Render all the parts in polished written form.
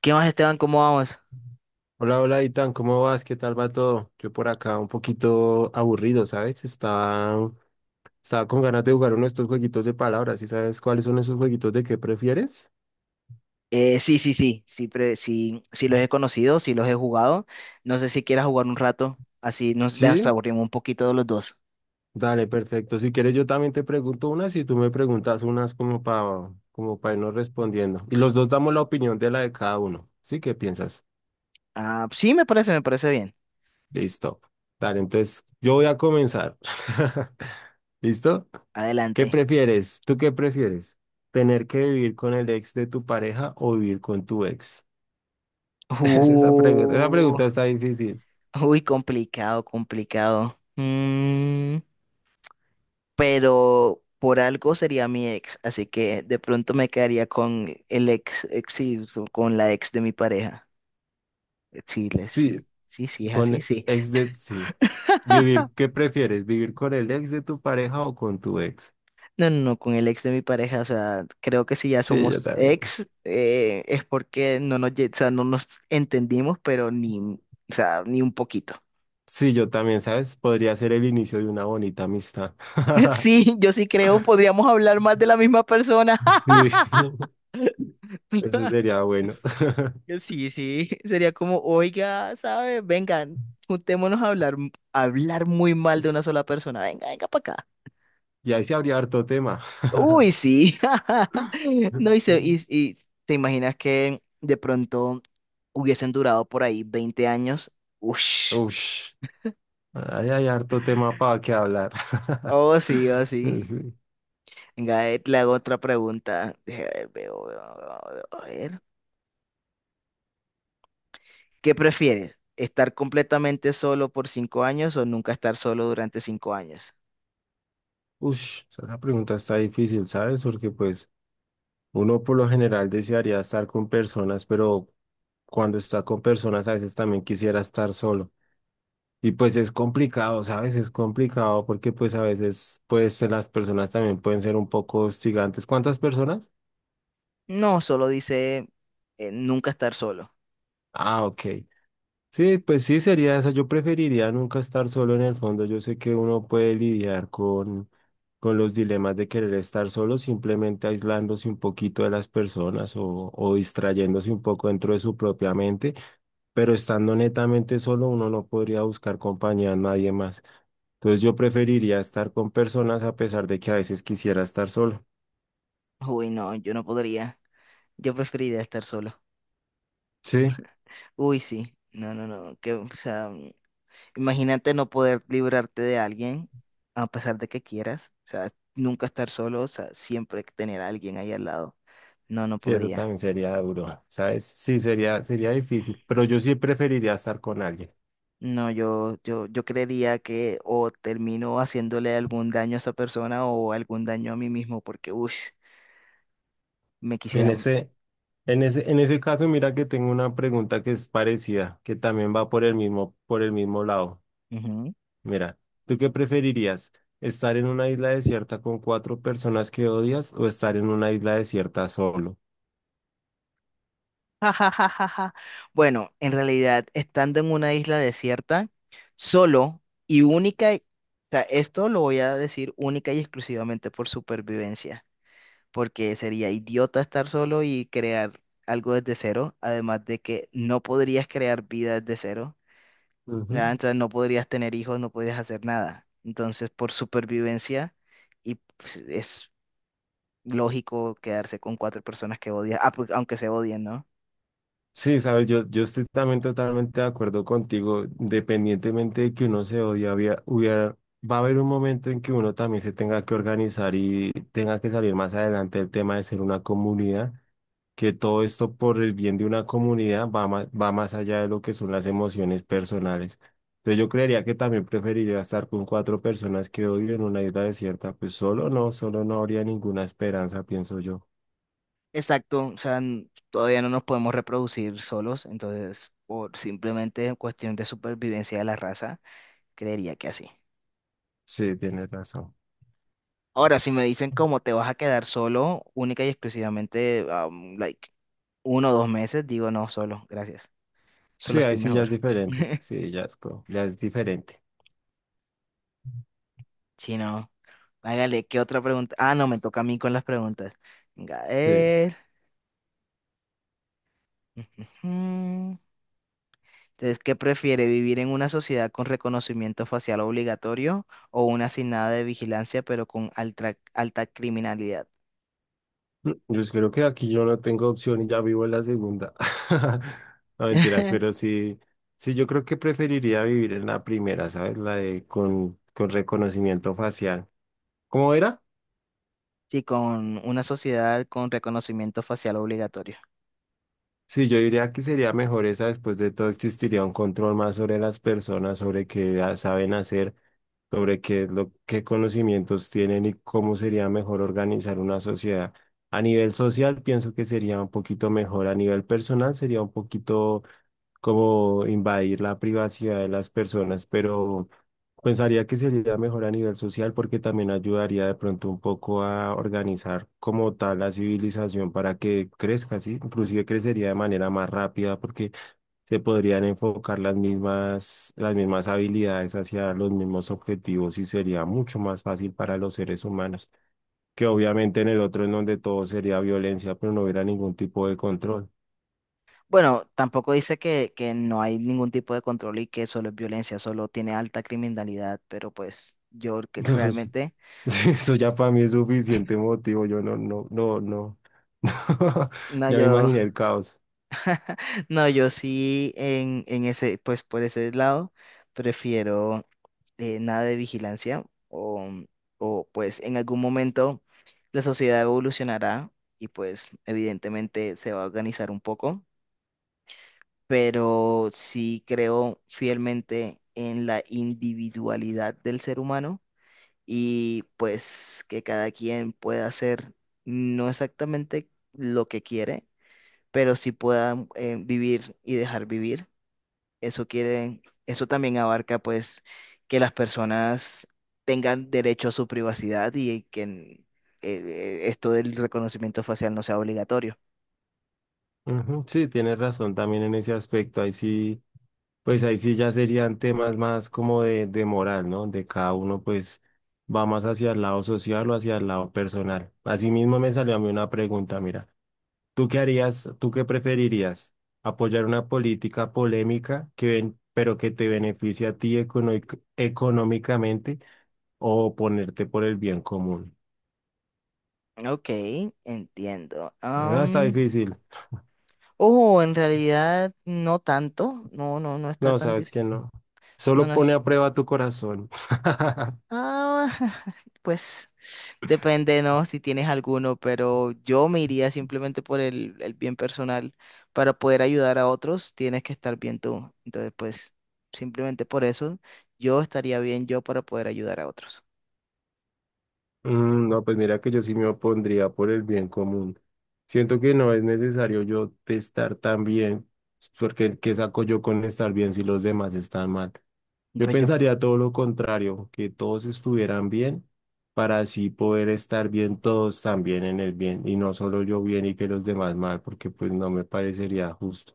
¿Qué más, Esteban? ¿Cómo vamos? Hola, hola, Itan, ¿cómo vas? ¿Qué tal va todo? Yo por acá un poquito aburrido, ¿sabes? Estaba con ganas de jugar uno de estos jueguitos de palabras. ¿Y sabes cuáles son esos jueguitos de qué prefieres? Sí, sí, sí, sí, sí, sí los he conocido, sí los he jugado. No sé si quieras jugar un rato, así nos Sí, desaburrimos un poquito de los dos. dale, perfecto. Si quieres, yo también te pregunto unas y tú me preguntas unas como para irnos respondiendo. Y los dos damos la opinión de la de cada uno. ¿Sí? ¿Qué piensas? Ah, sí, me parece bien. Listo. Dale, entonces yo voy a comenzar. ¿Listo? ¿Qué Adelante. prefieres? ¿Tú qué prefieres? ¿Tener que vivir con el ex de tu pareja o vivir con tu ex? Es esa pregunta. Esa Uh, pregunta está difícil. uy, complicado, complicado. Pero por algo sería mi ex, así que de pronto me quedaría con el ex sí, con la ex de mi pareja. Sí, Sí, sí, sí, sí, es así, con sí. ex de... Sí. Vivir, ¿qué prefieres? ¿Vivir con el ex de tu pareja o con tu ex? No, no, no, con el ex de mi pareja, o sea, creo que si ya Sí, yo somos también. ex, es porque no nos, lle- o sea, no nos entendimos, pero ni, o sea, ni un poquito. Sí, yo también, ¿sabes? Podría ser el inicio de una bonita amistad. Sí, yo sí creo, podríamos hablar más de la misma persona. Sí, eso sería bueno. Sí, sí, sería como, oiga, ¿sabes? Vengan, juntémonos a hablar, hablar muy mal de una sola persona. Venga, venga para acá. Y ahí se habría harto tema. Uy, sí. No, y, se- y, y te imaginas que de pronto hubiesen durado por ahí 20 años. Ush. Ush. Ahí hay harto tema para que hablar. Oh, sí, oh, sí. Sí. Venga, le hago otra pregunta. Deje ver, veo, veo, veo, veo, a ver. ¿Qué prefieres? ¿Estar completamente solo por 5 años o nunca estar solo durante 5 años? Ush, esa pregunta está difícil, ¿sabes? Porque pues uno por lo general desearía estar con personas, pero cuando está con personas a veces también quisiera estar solo. Y pues es complicado, ¿sabes? Es complicado porque pues a veces pues las personas también pueden ser un poco hostigantes. ¿Cuántas personas? No, solo dice nunca estar solo. Ah, ok. Sí, pues sí sería esa. Yo preferiría nunca estar solo en el fondo. Yo sé que uno puede lidiar con los dilemas de querer estar solo, simplemente aislándose un poquito de las personas o distrayéndose un poco dentro de su propia mente, pero estando netamente solo uno no podría buscar compañía a nadie más. Entonces yo preferiría estar con personas a pesar de que a veces quisiera estar solo. Uy, no, yo no podría. Yo preferiría estar solo. Sí, Uy, sí. No, no, no. Que, o sea. Imagínate no poder librarte de alguien a pesar de que quieras. O sea, nunca estar solo, o sea, siempre tener a alguien ahí al lado. No, no sí, eso podría. también sería duro, ¿sabes? Sí, sería, sería difícil, pero yo sí preferiría estar con alguien. No, yo creería que o termino haciéndole algún daño a esa persona o algún daño a mí mismo porque, uff, me En quisiera... Ujú. este, en ese caso, mira que tengo una pregunta que es parecida, que también va por el mismo lado. Mira, ¿tú qué preferirías? ¿Estar en una isla desierta con cuatro personas que odias o estar en una isla desierta solo? Ja, ja, ja, ja, ja. Bueno, en realidad, estando en una isla desierta, solo y única, o sea, esto lo voy a decir única y exclusivamente por supervivencia. Porque sería idiota estar solo y crear algo desde cero, además de que no podrías crear vida desde cero, ¿ya? Ujú. Entonces no podrías tener hijos, no podrías hacer nada. Entonces, por supervivencia, y pues, es lógico quedarse con cuatro personas que odias, ah, pues, aunque se odien, ¿no? Sí, sabes, yo estoy también totalmente de acuerdo contigo. Independientemente de que uno se odie, va a haber un momento en que uno también se tenga que organizar y tenga que salir más adelante el tema de ser una comunidad. Que todo esto por el bien de una comunidad va más allá de lo que son las emociones personales. Entonces yo creería que también preferiría estar con cuatro personas que odio en una isla desierta. Pues solo no habría ninguna esperanza, pienso yo. Exacto, o sea, todavía no nos podemos reproducir solos, entonces, por simplemente cuestión de supervivencia de la raza, creería que así. Sí, tienes razón. Ahora, si me dicen cómo te vas a quedar solo, única y exclusivamente, like, 1 o 2 meses, digo no, solo, gracias. Solo Sí, ahí estoy sí ya mejor. es diferente. Sí, ya es, co- ya es diferente. Si no, hágale, ¿qué otra pregunta? Ah, no, me toca a mí con las preguntas. Venga, a Sí. ver. Ujujú. Entonces, ¿qué prefiere, vivir en una sociedad con reconocimiento facial obligatorio o una sin nada de vigilancia, pero con alta, alta criminalidad? Yo creo que aquí yo no tengo opción y ya vivo en la segunda. No mentiras, pero sí, sí, yo creo que preferiría vivir en la primera, ¿sabes? La de con reconocimiento facial. ¿Cómo era? Sí, con una sociedad con reconocimiento facial obligatorio. Sí, yo diría que sería mejor esa. Después de todo, existiría un control más sobre las personas, sobre qué ah, saben hacer, sobre qué, es lo, qué conocimientos tienen y cómo sería mejor organizar una sociedad. A nivel social, pienso que sería un poquito mejor. A nivel personal, sería un poquito como invadir la privacidad de las personas, pero pensaría que sería mejor a nivel social porque también ayudaría de pronto un poco a organizar como tal la civilización para que crezca, ¿sí? Inclusive crecería de manera más rápida porque se podrían enfocar las mismas habilidades hacia los mismos objetivos y sería mucho más fácil para los seres humanos, que obviamente en el otro en donde todo sería violencia, pero no hubiera ningún tipo de control. Bueno, tampoco dice que no hay ningún tipo de control y que solo es violencia, solo tiene alta criminalidad, pero pues yo que Eso, pues, realmente, sí, eso ya para mí es suficiente motivo. Yo no, no, no, no. no, Ya me yo, imaginé el caos. no, yo sí en ese, pues por ese lado, prefiero nada de vigilancia o pues en algún momento la sociedad evolucionará y pues evidentemente se va a organizar un poco, pero sí creo fielmente en la individualidad del ser humano y pues que cada quien pueda hacer no exactamente lo que quiere, pero sí pueda vivir y dejar vivir. Eso quiere, eso también abarca pues que las personas tengan derecho a su privacidad y que esto del reconocimiento facial no sea obligatorio. Ujú, sí, tienes razón también en ese aspecto. Ahí sí, pues ahí sí ya serían temas más como de moral, ¿no? De cada uno, pues va más hacia el lado social o hacia el lado personal. Asimismo me salió a mí una pregunta, mira, ¿tú qué harías, tú qué preferirías? ¿Apoyar una política polémica que ven, pero que te beneficie a ti econo- económicamente? O ponerte por el bien común. Ok, entiendo. Ah, está Am, difícil. oh, en realidad no tanto. No, no, no está No, tan sabes dif- que no. No, Solo no. pone a prueba tu corazón. Ah, pues depende, ¿no? Si tienes alguno, pero yo me iría simplemente por el bien personal. Para poder ayudar a otros, tienes que estar bien tú. Entonces, pues, simplemente por eso, yo estaría bien yo para poder ayudar a otros. Mm, no, pues mira que yo sí me opondría por el bien común. Siento que no es necesario yo estar tan bien, porque ¿qué saco yo con estar bien si los demás están mal? Yo Pues yo. pensaría todo lo contrario, que todos estuvieran bien para así poder estar bien todos también en el bien y no solo yo bien y que los demás mal, porque pues no me parecería justo.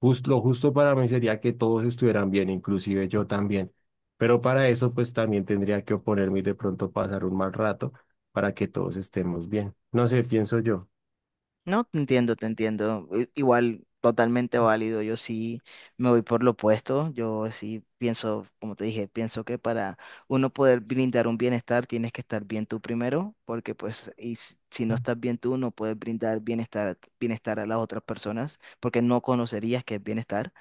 Jus- lo justo para mí sería que todos estuvieran bien, inclusive yo también. Pero para eso, pues también tendría que oponerme y de pronto pasar un mal rato para que todos estemos bien. No sé, pienso yo. No, te entiendo, te entiendo. Igual, totalmente válido. Yo sí me voy por lo opuesto. Yo sí pienso, como te dije, pienso que para uno poder brindar un bienestar tienes que estar bien tú primero, porque pues si no estás bien tú, no puedes brindar bienestar a las otras personas, porque no conocerías qué es bienestar.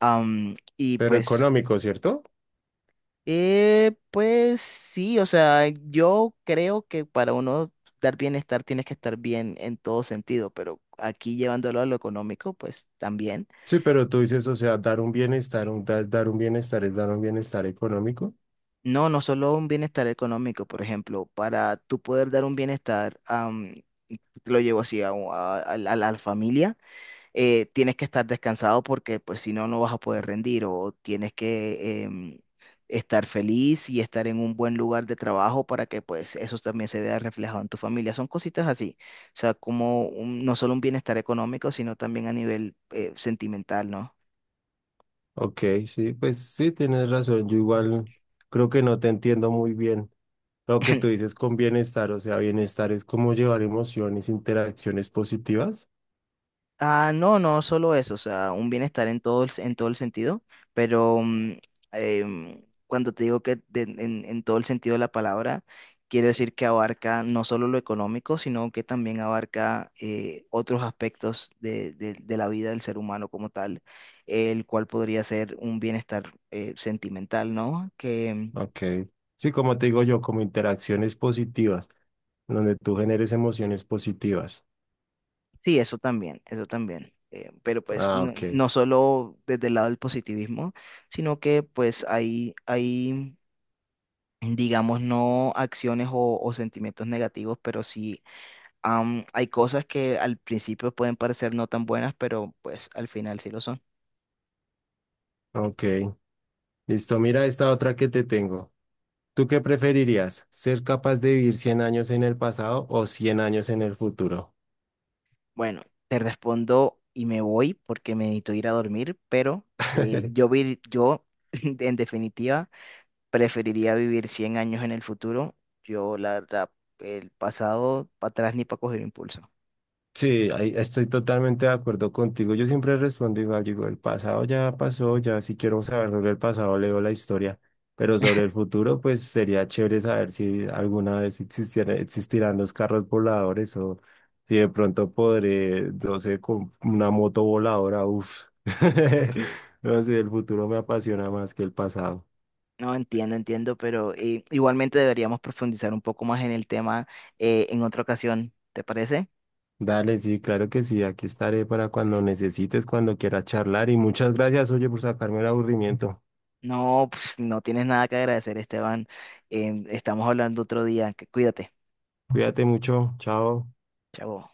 Y Pero pues económico, ¿cierto? eh, pues sí, o sea, yo creo que para uno dar bienestar tienes que estar bien en todo sentido, pero aquí llevándolo a lo económico, pues también. Sí, pero tú dices, o sea, dar un bienestar, dar un bienestar es dar un bienestar económico. No, no solo un bienestar económico, por ejemplo, para tú poder dar un bienestar, lo llevo así a, un- a la familia. Tienes que estar descansado porque pues si no, no vas a poder rendir o tienes que estar feliz y estar en un buen lugar de trabajo para que pues eso también se vea reflejado en tu familia. Son cositas así, o sea, como no solo un bienestar económico, sino también a nivel sentimental, ¿no? Ok, sí, pues sí, tienes razón. Yo igual creo que no te entiendo muy bien lo que tú dices con bienestar. O sea, bienestar es como llevar emociones, interacciones positivas. Ah, no, no solo eso, o sea, un bienestar en todo el sentido, pero cuando te digo que en todo el sentido de la palabra, quiero decir que abarca no solo lo económico, sino que también abarca otros aspectos de la vida del ser humano como tal, el cual podría ser un bienestar sentimental, ¿no? Que mm, Ok. Sí, como te digo yo, como interacciones positivas, donde tú generes emociones positivas. sí, eso también, eso también. Pero pues Ah, no, ok. no solo desde el lado del positivismo, sino que pues hay digamos, no acciones o sentimientos negativos, pero sí hay cosas que al principio pueden parecer no tan buenas, pero pues al final sí lo son. Ok. Listo, mira esta otra que te tengo. ¿Tú qué preferirías? ¿Ser capaz de vivir 100 años en el pasado o 100 años en el futuro? Bueno, te respondo y me voy porque me necesito ir a dormir, pero yo en definitiva preferiría vivir 100 años en el futuro. Yo, la verdad, el pasado para atrás ni para coger impulso. Sí, ahí estoy totalmente de acuerdo contigo. Yo siempre respondo igual, digo, el pasado ya pasó, ya si quiero saber sobre el pasado leo la historia, pero sobre el futuro, pues sería chévere saber si alguna vez existiera- existirán los carros voladores o si de pronto podré, no sé, con una moto voladora, uff. No sé, el futuro me apasiona más que el pasado. No, entiendo, entiendo, pero igualmente deberíamos profundizar un poco más en el tema en otra ocasión, ¿te parece? Dale, sí, claro que sí, aquí estaré para cuando necesites, cuando quieras charlar y muchas gracias, oye, por sacarme el aburrimiento. No, pues no tienes nada que agradecer, Esteban. Estamos hablando otro día. Cuídate. Cuídate mucho, chao. Chao.